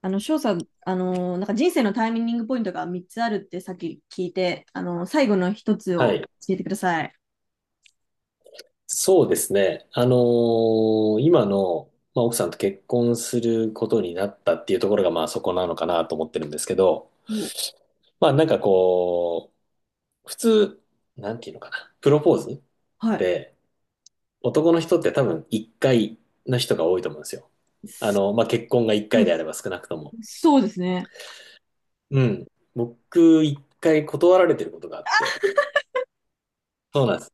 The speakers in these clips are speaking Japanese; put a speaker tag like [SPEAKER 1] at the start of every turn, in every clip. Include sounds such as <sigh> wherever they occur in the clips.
[SPEAKER 1] 翔さん、人生のタイミングポイントが3つあるってさっき聞いて、最後の一つ
[SPEAKER 2] は
[SPEAKER 1] を
[SPEAKER 2] い。
[SPEAKER 1] 教えてください。
[SPEAKER 2] そうですね。あのー今の、まあ、奥さんと結婚することになったっていうところが、まあ、そこなのかなと思ってるんですけど、
[SPEAKER 1] お
[SPEAKER 2] まあ、普通、なんていうのかな。プロポーズっ
[SPEAKER 1] はい。
[SPEAKER 2] て男の人って多分1回の人が多いと思うんですよ。あの、まあ、結婚が1
[SPEAKER 1] う
[SPEAKER 2] 回で
[SPEAKER 1] ん。
[SPEAKER 2] あれば少なくとも。
[SPEAKER 1] そうですね。
[SPEAKER 2] うん。僕、1回断られてることがあって。そうなんです。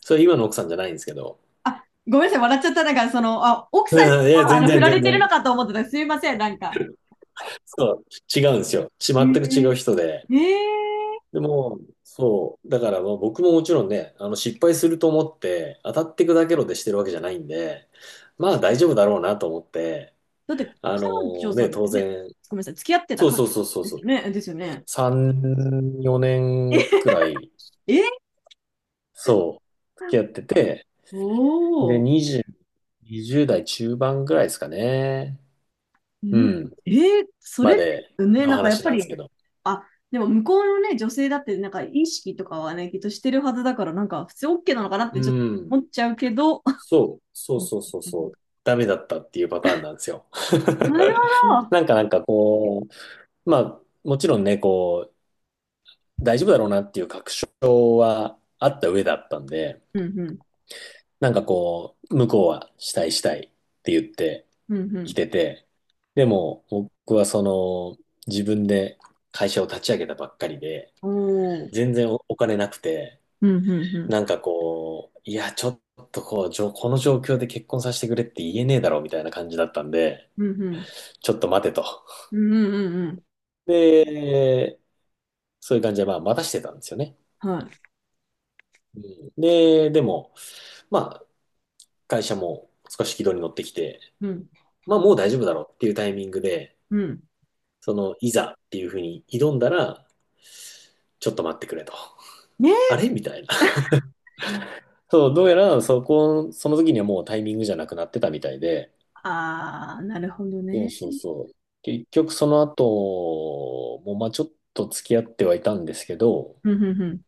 [SPEAKER 2] それ今の奥さんじゃないんですけど。
[SPEAKER 1] あ、ごめんなさい、笑っちゃった。奥
[SPEAKER 2] <laughs>
[SPEAKER 1] さんに
[SPEAKER 2] うんいや、
[SPEAKER 1] も
[SPEAKER 2] 全
[SPEAKER 1] 振
[SPEAKER 2] 然
[SPEAKER 1] ら
[SPEAKER 2] 全
[SPEAKER 1] れてるの
[SPEAKER 2] 然。
[SPEAKER 1] かと思ってた。すいません、なんか。
[SPEAKER 2] そう、違うんですよ。
[SPEAKER 1] え
[SPEAKER 2] 全く違う人で。
[SPEAKER 1] ー、えー、
[SPEAKER 2] でも、そう、だからまあ僕ももちろんね、あの失敗すると思って、当たってくだけろでしてるわけじゃないんで、まあ大丈夫だろうなと思って、
[SPEAKER 1] だって、
[SPEAKER 2] あの
[SPEAKER 1] 彼女
[SPEAKER 2] ー
[SPEAKER 1] さ
[SPEAKER 2] ね、
[SPEAKER 1] んだっ
[SPEAKER 2] 当
[SPEAKER 1] よね、
[SPEAKER 2] 然、
[SPEAKER 1] ごめんなさい、付き合ってた
[SPEAKER 2] そう
[SPEAKER 1] 彼
[SPEAKER 2] そうそうそう
[SPEAKER 1] 女
[SPEAKER 2] そ
[SPEAKER 1] ですよ
[SPEAKER 2] う、
[SPEAKER 1] ね。ですよね。
[SPEAKER 2] 3、4年くらい、
[SPEAKER 1] <laughs> え
[SPEAKER 2] そう、付
[SPEAKER 1] ー、
[SPEAKER 2] き合ってて、
[SPEAKER 1] おお。
[SPEAKER 2] で、20、20代中盤ぐらいですかね、
[SPEAKER 1] う
[SPEAKER 2] う
[SPEAKER 1] ん
[SPEAKER 2] ん、
[SPEAKER 1] えーそ
[SPEAKER 2] ま
[SPEAKER 1] れっ
[SPEAKER 2] で
[SPEAKER 1] てね、
[SPEAKER 2] の
[SPEAKER 1] なんかやっ
[SPEAKER 2] 話
[SPEAKER 1] ぱ
[SPEAKER 2] なんですけ
[SPEAKER 1] り、
[SPEAKER 2] ど。
[SPEAKER 1] あ、でも向こうのね、女性だってなんか意識とかはね、きっとしてるはずだから、なんか普通 OK なのかなって
[SPEAKER 2] う
[SPEAKER 1] ちょっと
[SPEAKER 2] ん。
[SPEAKER 1] 思っちゃうけど、
[SPEAKER 2] そう、そう
[SPEAKER 1] うん
[SPEAKER 2] そうそう
[SPEAKER 1] うん
[SPEAKER 2] そう、ダメだったっていうパターンなんですよ。
[SPEAKER 1] なるほ
[SPEAKER 2] <laughs>
[SPEAKER 1] ど。
[SPEAKER 2] なんかなんかこまあ、もちろんね、こう、大丈夫だろうなっていう確証はあった上だったんで、
[SPEAKER 1] うんうん。
[SPEAKER 2] なんかこう、向こうはしたいしたいって言って
[SPEAKER 1] うんう
[SPEAKER 2] き
[SPEAKER 1] ん。
[SPEAKER 2] てて、でも僕はその、自分で会社を立ち上げたばっかりで、
[SPEAKER 1] おお。うん
[SPEAKER 2] 全然お金なくて、
[SPEAKER 1] うんうん。
[SPEAKER 2] なんかこう、いや、ちょっとこう、この状況で結婚させてくれって言えねえだろうみたいな感じだったんで、
[SPEAKER 1] うんうん。
[SPEAKER 2] ちょっと待てと。
[SPEAKER 1] うんうんうんうん。
[SPEAKER 2] で、そういう感じで、まあ、待たしてたんですよね。
[SPEAKER 1] はい。
[SPEAKER 2] うん。で、でも、まあ、会社も少し軌道に乗ってきて、
[SPEAKER 1] うん。
[SPEAKER 2] まあ、もう大丈夫だろうっていうタイミングで、
[SPEAKER 1] うん。
[SPEAKER 2] その、いざっていうふうに挑んだら、ちょっと待ってくれと。
[SPEAKER 1] ね。
[SPEAKER 2] あれみたいな。そう、どうやら、その時にはもうタイミングじゃなくなってたみたいで、
[SPEAKER 1] ああ、なるほど
[SPEAKER 2] そう
[SPEAKER 1] ね。
[SPEAKER 2] そうそう。結局、その後も、まあ、ちょっと付き合ってはいたんですけど、
[SPEAKER 1] うんうんうん。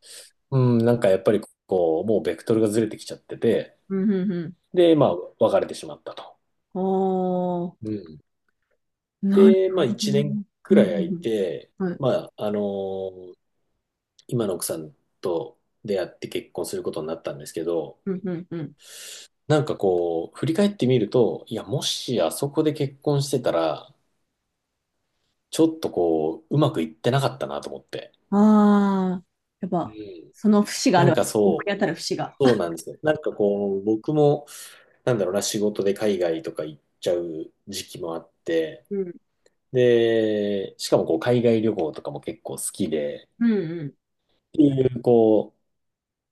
[SPEAKER 2] うん、なんかやっぱり、こう、もうベクトルがずれてきちゃってて、
[SPEAKER 1] うんうんうん。
[SPEAKER 2] で、まあ、別れてしまったと。
[SPEAKER 1] おお。
[SPEAKER 2] うん。
[SPEAKER 1] なる
[SPEAKER 2] で、まあ
[SPEAKER 1] ほど。
[SPEAKER 2] 一
[SPEAKER 1] う
[SPEAKER 2] 年
[SPEAKER 1] んう
[SPEAKER 2] くら
[SPEAKER 1] ん
[SPEAKER 2] い空い
[SPEAKER 1] うん
[SPEAKER 2] て、
[SPEAKER 1] はい。
[SPEAKER 2] まああのー今の奥さんと出会って結婚することになったんですけど、
[SPEAKER 1] うんうんうん。
[SPEAKER 2] なんかこう、振り返ってみると、いや、もしあそこで結婚してたら、ちょっとこう、うまくいってなかったなと思って。
[SPEAKER 1] ああ、やっ
[SPEAKER 2] う
[SPEAKER 1] ぱ、
[SPEAKER 2] ん。
[SPEAKER 1] その節があ
[SPEAKER 2] な
[SPEAKER 1] る
[SPEAKER 2] ん
[SPEAKER 1] わけ。
[SPEAKER 2] か
[SPEAKER 1] 思
[SPEAKER 2] そ
[SPEAKER 1] い当
[SPEAKER 2] う、
[SPEAKER 1] たる節が。
[SPEAKER 2] そうなんですよ。なんかこう、僕も、なんだろうな、仕事で海外とか行っちゃう時期もあって、
[SPEAKER 1] うん。
[SPEAKER 2] で、しかもこう、海外旅行とかも結構好きで、
[SPEAKER 1] うんうん。
[SPEAKER 2] っていう、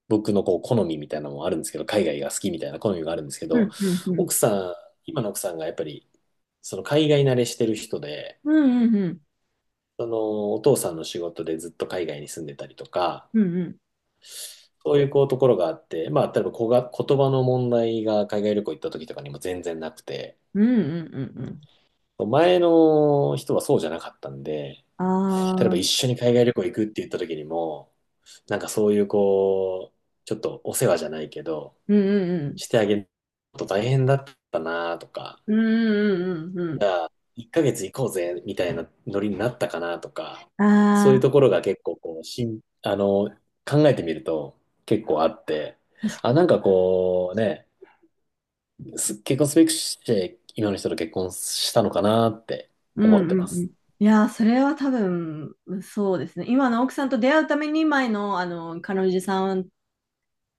[SPEAKER 2] 僕のこう好みみたいなのもあるんですけど、海外が好きみたいな好みがあるんですけ
[SPEAKER 1] う
[SPEAKER 2] ど、
[SPEAKER 1] んうんうん。
[SPEAKER 2] 奥さん、今の奥さんがやっぱり、その海外慣れしてる人で、
[SPEAKER 1] うんうんうん。
[SPEAKER 2] そのお父さんの仕事でずっと海外に住んでたりとか、
[SPEAKER 1] うんうん。
[SPEAKER 2] そういうこうところがあって、まあ、例えば言葉の問題が海外旅行行った時とかにも全然なくて、
[SPEAKER 1] うんうんうんうん。
[SPEAKER 2] 前の人はそうじゃなかったんで、
[SPEAKER 1] ああ、
[SPEAKER 2] 例え
[SPEAKER 1] う
[SPEAKER 2] ば
[SPEAKER 1] ん
[SPEAKER 2] 一緒に海外旅行行くって言った時にも、なんかそういうこう、ちょっとお世話じゃないけど、
[SPEAKER 1] うん
[SPEAKER 2] してあげると大変だったなとか、
[SPEAKER 1] うん。うんうんうんう
[SPEAKER 2] じ
[SPEAKER 1] ん。
[SPEAKER 2] ゃあ、1ヶ月行こうぜみたいなノリになったかなとか、
[SPEAKER 1] あ
[SPEAKER 2] そういう
[SPEAKER 1] あ、
[SPEAKER 2] ところが結構こう、しん、あの、考えてみると結構あって、
[SPEAKER 1] 確か
[SPEAKER 2] あ、なんかこうね、結婚すべくして今の人と結婚したのかなって
[SPEAKER 1] にう
[SPEAKER 2] 思
[SPEAKER 1] んう
[SPEAKER 2] ってま
[SPEAKER 1] んう
[SPEAKER 2] す。
[SPEAKER 1] ん。いやー、それは多分、そうですね。今の奥さんと出会うために前の、彼女さん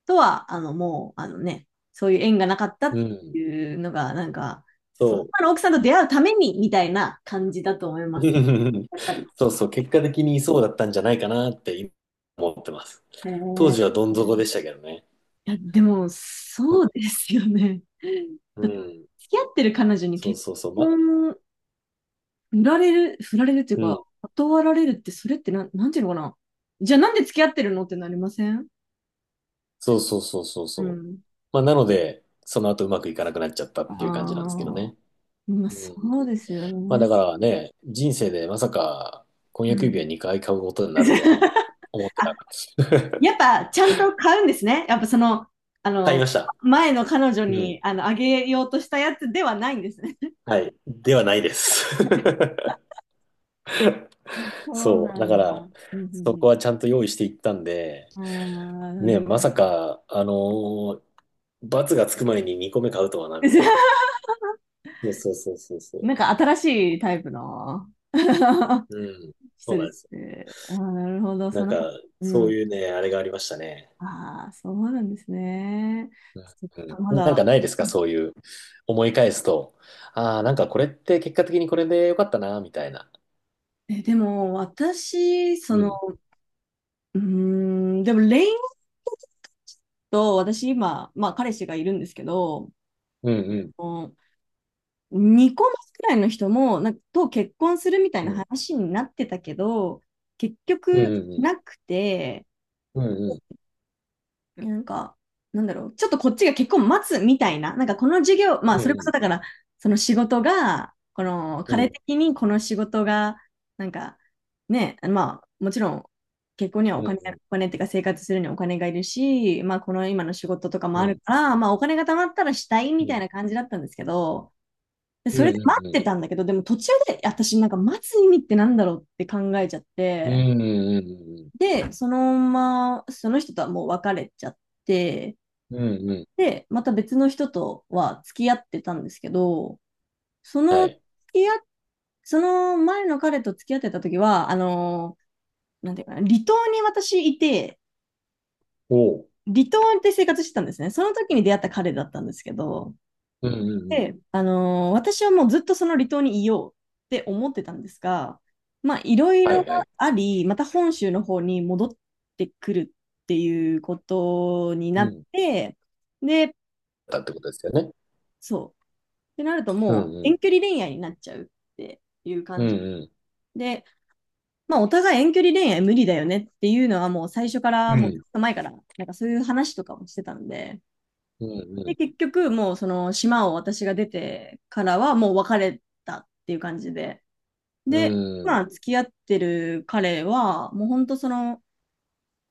[SPEAKER 1] とは、もう、あのね、そういう縁がなかったっ
[SPEAKER 2] う
[SPEAKER 1] て
[SPEAKER 2] ん、
[SPEAKER 1] いうのが、なんか、そ
[SPEAKER 2] そ
[SPEAKER 1] の
[SPEAKER 2] う。
[SPEAKER 1] 今の奥さんと出会うために、みたいな感じだと思います。
[SPEAKER 2] <laughs>
[SPEAKER 1] やっぱり。
[SPEAKER 2] そうそう、結果的にそうだったんじゃないかなって今思ってます。
[SPEAKER 1] へ
[SPEAKER 2] 当
[SPEAKER 1] ー
[SPEAKER 2] 時はどん底でしたけどね。
[SPEAKER 1] いや、でも、
[SPEAKER 2] うん、
[SPEAKER 1] そうですよね。<laughs>
[SPEAKER 2] う
[SPEAKER 1] だって
[SPEAKER 2] ん、
[SPEAKER 1] 付き合ってる彼女に
[SPEAKER 2] そう
[SPEAKER 1] 結
[SPEAKER 2] そうそう、ま、
[SPEAKER 1] 婚、振られる、振られるっていう
[SPEAKER 2] う
[SPEAKER 1] か、
[SPEAKER 2] ん。
[SPEAKER 1] 断られるって、それってなん、なんていうのかな。じゃあなんで付き合ってるのってなりません
[SPEAKER 2] そうそうそうそう
[SPEAKER 1] う
[SPEAKER 2] そう。
[SPEAKER 1] ん。
[SPEAKER 2] まあ、なので、その後うまくいかなくなっちゃった
[SPEAKER 1] あ
[SPEAKER 2] っ
[SPEAKER 1] あ。
[SPEAKER 2] ていう感じなんですけどね。
[SPEAKER 1] まあ、
[SPEAKER 2] う
[SPEAKER 1] そ
[SPEAKER 2] ん。
[SPEAKER 1] うですよ
[SPEAKER 2] まあ、だ
[SPEAKER 1] ね。
[SPEAKER 2] からね、人生でまさか婚
[SPEAKER 1] う
[SPEAKER 2] 約指
[SPEAKER 1] ん。
[SPEAKER 2] 輪2回買うことになるとは
[SPEAKER 1] <laughs>
[SPEAKER 2] 思ってな
[SPEAKER 1] あ、
[SPEAKER 2] かった。
[SPEAKER 1] やっぱちゃんと買うんですね。やっぱその、あ
[SPEAKER 2] 買い
[SPEAKER 1] の、
[SPEAKER 2] ました。
[SPEAKER 1] 前の彼女
[SPEAKER 2] うん。
[SPEAKER 1] にあげようとしたやつではないんですね。
[SPEAKER 2] はい。ではないです。
[SPEAKER 1] <laughs>
[SPEAKER 2] <laughs>
[SPEAKER 1] そう
[SPEAKER 2] そう。
[SPEAKER 1] な
[SPEAKER 2] だか
[SPEAKER 1] んだ。う
[SPEAKER 2] ら、
[SPEAKER 1] んう
[SPEAKER 2] そ
[SPEAKER 1] ん
[SPEAKER 2] こはちゃんと用意していったんで、
[SPEAKER 1] うん。ああ、な
[SPEAKER 2] ね、
[SPEAKER 1] るほ
[SPEAKER 2] ま
[SPEAKER 1] ど。
[SPEAKER 2] さか、あのー罰がつく前に2個目買うとはな、みたいなね。
[SPEAKER 1] <laughs>
[SPEAKER 2] そうそうそうそうそう。
[SPEAKER 1] なんか新しいタイプの <laughs>
[SPEAKER 2] うん。そ
[SPEAKER 1] 人
[SPEAKER 2] うな
[SPEAKER 1] で
[SPEAKER 2] んで
[SPEAKER 1] す
[SPEAKER 2] すよ。
[SPEAKER 1] ね。ああ、なるほど。
[SPEAKER 2] な
[SPEAKER 1] そ
[SPEAKER 2] ん
[SPEAKER 1] の、
[SPEAKER 2] か、
[SPEAKER 1] う
[SPEAKER 2] そう
[SPEAKER 1] ん。
[SPEAKER 2] いうね、あれがありましたね。
[SPEAKER 1] ああ、そうなんですね。そっか、ま
[SPEAKER 2] うん。なんか
[SPEAKER 1] だ。
[SPEAKER 2] ないです
[SPEAKER 1] う
[SPEAKER 2] か
[SPEAKER 1] ん
[SPEAKER 2] そういう思い返すと、ああ、なんかこれって結果的にこれでよかったな、みたいな。
[SPEAKER 1] え、でも、私、そ
[SPEAKER 2] う
[SPEAKER 1] の、
[SPEAKER 2] ん。
[SPEAKER 1] うーん、でも、レインと、私今、まあ、彼氏がいるんですけど、
[SPEAKER 2] うん
[SPEAKER 1] うん2個 más くらいの人もなんかと結婚するみたい
[SPEAKER 2] うん。
[SPEAKER 1] な
[SPEAKER 2] うん。
[SPEAKER 1] 話になってたけど、結
[SPEAKER 2] う
[SPEAKER 1] 局
[SPEAKER 2] ん
[SPEAKER 1] なくて、
[SPEAKER 2] うんうん。
[SPEAKER 1] なんか、なんだろう、ちょっとこっちが結婚待つみたいな、なんかこの授業、ま
[SPEAKER 2] う
[SPEAKER 1] あ
[SPEAKER 2] ん
[SPEAKER 1] それ
[SPEAKER 2] う
[SPEAKER 1] こそ
[SPEAKER 2] ん。
[SPEAKER 1] だから、その仕事が、この
[SPEAKER 2] う
[SPEAKER 1] 彼
[SPEAKER 2] ん
[SPEAKER 1] 的にこの仕事が、なんかね、まあもちろん結婚には
[SPEAKER 2] う
[SPEAKER 1] お
[SPEAKER 2] んう
[SPEAKER 1] 金、お
[SPEAKER 2] ん
[SPEAKER 1] 金っていうか生活するにはお金がいるし、まあこの今の仕事とかも
[SPEAKER 2] う
[SPEAKER 1] ある
[SPEAKER 2] ん。
[SPEAKER 1] から、まあお金が貯まったらしたいみたい
[SPEAKER 2] う
[SPEAKER 1] な感じだったんですけど、で
[SPEAKER 2] んう
[SPEAKER 1] それで待
[SPEAKER 2] ん
[SPEAKER 1] っ
[SPEAKER 2] うん。
[SPEAKER 1] てたんだけど、でも途中で私なんか待つ意味ってなんだろうって考えちゃっ
[SPEAKER 2] う
[SPEAKER 1] て、
[SPEAKER 2] んうんうん。
[SPEAKER 1] で、そのまま、その人とはもう別れちゃって、
[SPEAKER 2] うんうん。うん
[SPEAKER 1] で、また別の人とは付き合ってたんですけど、そ
[SPEAKER 2] は
[SPEAKER 1] の付
[SPEAKER 2] い。
[SPEAKER 1] き合っ、その前の彼と付き合ってた時は、なんていうかな、離島に私いて、
[SPEAKER 2] おう。
[SPEAKER 1] 離島で生活してたんですね。その時に出会った彼だったんですけど、
[SPEAKER 2] うんうんうん。
[SPEAKER 1] で、私はもうずっとその離島にいようって思ってたんですが、まあ、いろい
[SPEAKER 2] は
[SPEAKER 1] ろ
[SPEAKER 2] いはい。
[SPEAKER 1] あり、また本州の方に戻ってくるっていうことに
[SPEAKER 2] う
[SPEAKER 1] なっ
[SPEAKER 2] ん。
[SPEAKER 1] て、で、
[SPEAKER 2] だってことですよね。
[SPEAKER 1] そう。ってなると
[SPEAKER 2] う
[SPEAKER 1] も
[SPEAKER 2] ん
[SPEAKER 1] う
[SPEAKER 2] う
[SPEAKER 1] 遠
[SPEAKER 2] ん。
[SPEAKER 1] 距離恋愛になっちゃうっていう
[SPEAKER 2] うん
[SPEAKER 1] 感じ。
[SPEAKER 2] うん。
[SPEAKER 1] で、まあ、お互い遠距離恋愛無理だよねっていうのはもう最初から
[SPEAKER 2] う
[SPEAKER 1] もうず
[SPEAKER 2] ん
[SPEAKER 1] っと前から、なんかそういう話とかもしてたんで、
[SPEAKER 2] う
[SPEAKER 1] で、
[SPEAKER 2] ん。
[SPEAKER 1] 結局もうその島を私が出てからはもう別れたっていう感じで。
[SPEAKER 2] う
[SPEAKER 1] で、
[SPEAKER 2] んうん。
[SPEAKER 1] 今付き合ってる彼は、もう本当その、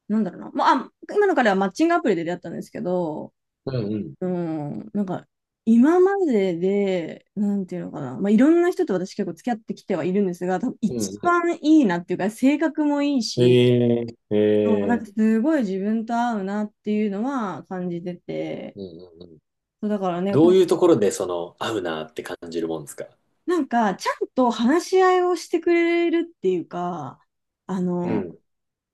[SPEAKER 1] なんだろうな、まあ、あ今の彼はマッチングアプリで出会ったんですけど、
[SPEAKER 2] うんうん。
[SPEAKER 1] うん、なんか、今までで、なんていうのかな、まあ、いろんな人と私結構付き合ってきてはいるんですが、多分
[SPEAKER 2] う
[SPEAKER 1] 一
[SPEAKER 2] んうん。
[SPEAKER 1] 番いいなっていうか、性格もいいし、
[SPEAKER 2] ええ。え
[SPEAKER 1] そうなんか
[SPEAKER 2] え。
[SPEAKER 1] すごい自分と合うなっていうのは感じてて、
[SPEAKER 2] うんうん。
[SPEAKER 1] そうだからね、
[SPEAKER 2] ど
[SPEAKER 1] こ
[SPEAKER 2] ういう
[SPEAKER 1] う
[SPEAKER 2] ところでその、合うなって感じるもんですか。
[SPEAKER 1] なんかちゃんと話し合いをしてくれるっていうか、あ
[SPEAKER 2] う
[SPEAKER 1] の
[SPEAKER 2] ん。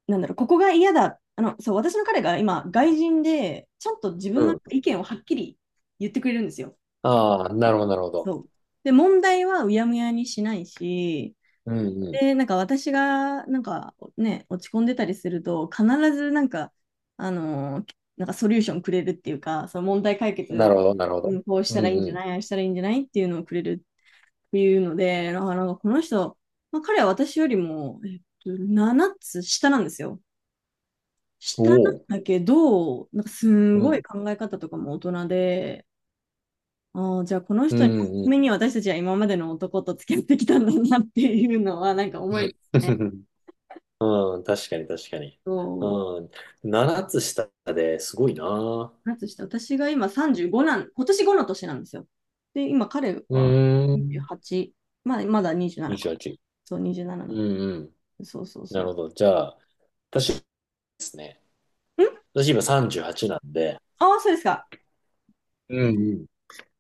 [SPEAKER 1] なんだろう、ここが嫌だ。そう、私の彼が今、外人で、ちゃんと自
[SPEAKER 2] う
[SPEAKER 1] 分の
[SPEAKER 2] ん。
[SPEAKER 1] 意見をはっきり言ってくれるんですよ。
[SPEAKER 2] ああ、なるほど、なるほど。
[SPEAKER 1] そう。で、問題はうやむやにしないし、
[SPEAKER 2] うんう
[SPEAKER 1] で、なんか私が、なんかね、落ち込んでたりすると、必ずなんか、なんかソリューションくれるっていうか、その問題解
[SPEAKER 2] ん。
[SPEAKER 1] 決
[SPEAKER 2] なる
[SPEAKER 1] を、
[SPEAKER 2] ほど、なるほ
[SPEAKER 1] う
[SPEAKER 2] ど。
[SPEAKER 1] ん、こうし
[SPEAKER 2] うん
[SPEAKER 1] たらいいんじ
[SPEAKER 2] う
[SPEAKER 1] ゃ
[SPEAKER 2] ん。
[SPEAKER 1] ない、ああしたらいいんじゃないっていうのをくれるっていうので、なんかこの人、まあ、彼は私よりも、えっと、7つ下なんですよ。し
[SPEAKER 2] お
[SPEAKER 1] たん
[SPEAKER 2] お。
[SPEAKER 1] だけど、なんかす
[SPEAKER 2] う
[SPEAKER 1] ごい
[SPEAKER 2] ん。
[SPEAKER 1] 考え方とかも大人で、ああ、じゃあこの
[SPEAKER 2] う
[SPEAKER 1] 人に、た
[SPEAKER 2] んう
[SPEAKER 1] め
[SPEAKER 2] ん。
[SPEAKER 1] に私たちは今までの男と付き合ってきたんだなっていうのは、なんか思いますね。
[SPEAKER 2] <laughs> うん、確かに確かに。
[SPEAKER 1] そう。
[SPEAKER 2] うん。7つ下ですごいな。
[SPEAKER 1] なんとして、私が今35なん、今年5の年なんですよ。で、今彼
[SPEAKER 2] う
[SPEAKER 1] は
[SPEAKER 2] ーん。
[SPEAKER 1] 28、まあ、まだ27か。
[SPEAKER 2] 28。
[SPEAKER 1] そう、27な
[SPEAKER 2] う
[SPEAKER 1] な
[SPEAKER 2] んうん。
[SPEAKER 1] の。そうそう
[SPEAKER 2] なる
[SPEAKER 1] そ
[SPEAKER 2] ほど。じゃあ、私ですね。
[SPEAKER 1] う。ん
[SPEAKER 2] 私今38なんで、
[SPEAKER 1] ああー、そうですか。
[SPEAKER 2] うんうん。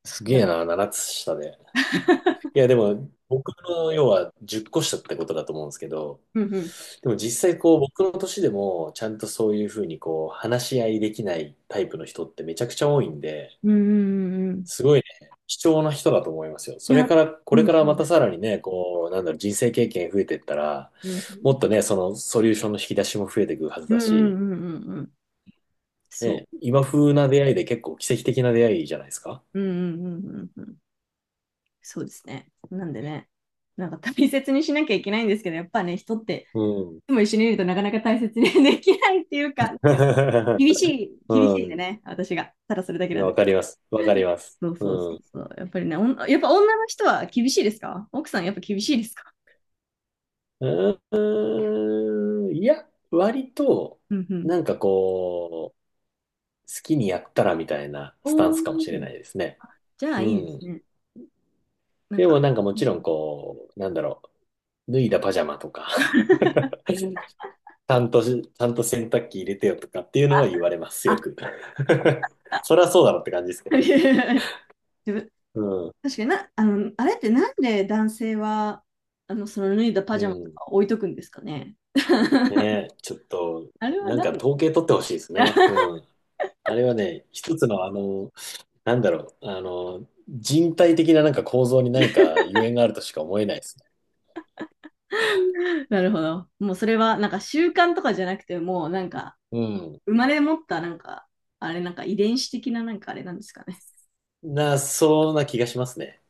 [SPEAKER 2] すげ
[SPEAKER 1] だか
[SPEAKER 2] え
[SPEAKER 1] ら。
[SPEAKER 2] な、7つ下で。
[SPEAKER 1] <laughs>
[SPEAKER 2] いや、でも、僕の要は10個下ってことだと思うんですけど、
[SPEAKER 1] うんうん。
[SPEAKER 2] でも実際こう僕の年でもちゃんとそういうふうにこう話し合いできないタイプの人ってめちゃくちゃ多いんで、
[SPEAKER 1] うんうんうんうん。
[SPEAKER 2] すごいね、貴重な人だと思いますよ。
[SPEAKER 1] い
[SPEAKER 2] それ
[SPEAKER 1] や、
[SPEAKER 2] から、こ
[SPEAKER 1] う
[SPEAKER 2] れか
[SPEAKER 1] ん
[SPEAKER 2] ら
[SPEAKER 1] う
[SPEAKER 2] ま
[SPEAKER 1] ん。
[SPEAKER 2] たさらにね、こう、なんだろう、人生経験増えてったら、もっとね、そのソリューションの引き出しも増えていくはず
[SPEAKER 1] うん
[SPEAKER 2] だ
[SPEAKER 1] う
[SPEAKER 2] し、
[SPEAKER 1] んうんうんうんうん。そう。
[SPEAKER 2] ね、今風な出会いで結構奇跡的な出会いじゃないですか。
[SPEAKER 1] うんうんうんうんうん。そうですね。なんでね、なんか大切にしなきゃいけないんですけど、やっぱね、人って
[SPEAKER 2] うん。
[SPEAKER 1] いつも一緒にいるとなかなか大切に <laughs> できないっていうか、なんかね、
[SPEAKER 2] <laughs> う
[SPEAKER 1] 厳しいんで
[SPEAKER 2] ん。
[SPEAKER 1] ね、私が。ただそれだけなんで
[SPEAKER 2] わ
[SPEAKER 1] す。
[SPEAKER 2] かります。わかります。
[SPEAKER 1] そうそうそ
[SPEAKER 2] う
[SPEAKER 1] う
[SPEAKER 2] ん。
[SPEAKER 1] そう。やっぱりね、おんやっぱ女の人は厳しいですか奥さんやっぱ厳しいですか
[SPEAKER 2] うーん、いや、割と、
[SPEAKER 1] うんうん。
[SPEAKER 2] なんかこう、好きにやったらみたいなスタ
[SPEAKER 1] お
[SPEAKER 2] ンスかもしれ
[SPEAKER 1] ー、
[SPEAKER 2] ないですね。
[SPEAKER 1] じゃあ
[SPEAKER 2] う
[SPEAKER 1] いいで
[SPEAKER 2] ん。
[SPEAKER 1] すね。なん
[SPEAKER 2] でも
[SPEAKER 1] か。
[SPEAKER 2] なんかもちろんこう、なんだろう、脱いだパジャマとか、<laughs> ちちゃんと洗濯機入れてよとかっていうのは言われます、よ
[SPEAKER 1] あ、
[SPEAKER 2] く。<laughs> そりゃそうだろって感じですけどね。
[SPEAKER 1] <laughs> 自分、
[SPEAKER 2] うん。
[SPEAKER 1] 確かにな、あれってなんで男性は、その脱いだパ
[SPEAKER 2] う
[SPEAKER 1] ジャマと
[SPEAKER 2] ん。
[SPEAKER 1] か置いとくんですかね。
[SPEAKER 2] ね
[SPEAKER 1] <laughs>
[SPEAKER 2] え、ちょっと、
[SPEAKER 1] あれは
[SPEAKER 2] なんか
[SPEAKER 1] 何
[SPEAKER 2] 統計取ってほしいですね。
[SPEAKER 1] <laughs>
[SPEAKER 2] うん。あれはね、一つのあの、なんだろう、あの、人体的ななんか構造に何かゆえんがあるとしか思えないですね。
[SPEAKER 1] なるほど。もうそれはなんか習慣とかじゃなくて、もうなんか
[SPEAKER 2] うん。
[SPEAKER 1] 生まれ持ったなんか、あれなんか遺伝子的ななんかあれなんですかね。
[SPEAKER 2] そうな気がしますね。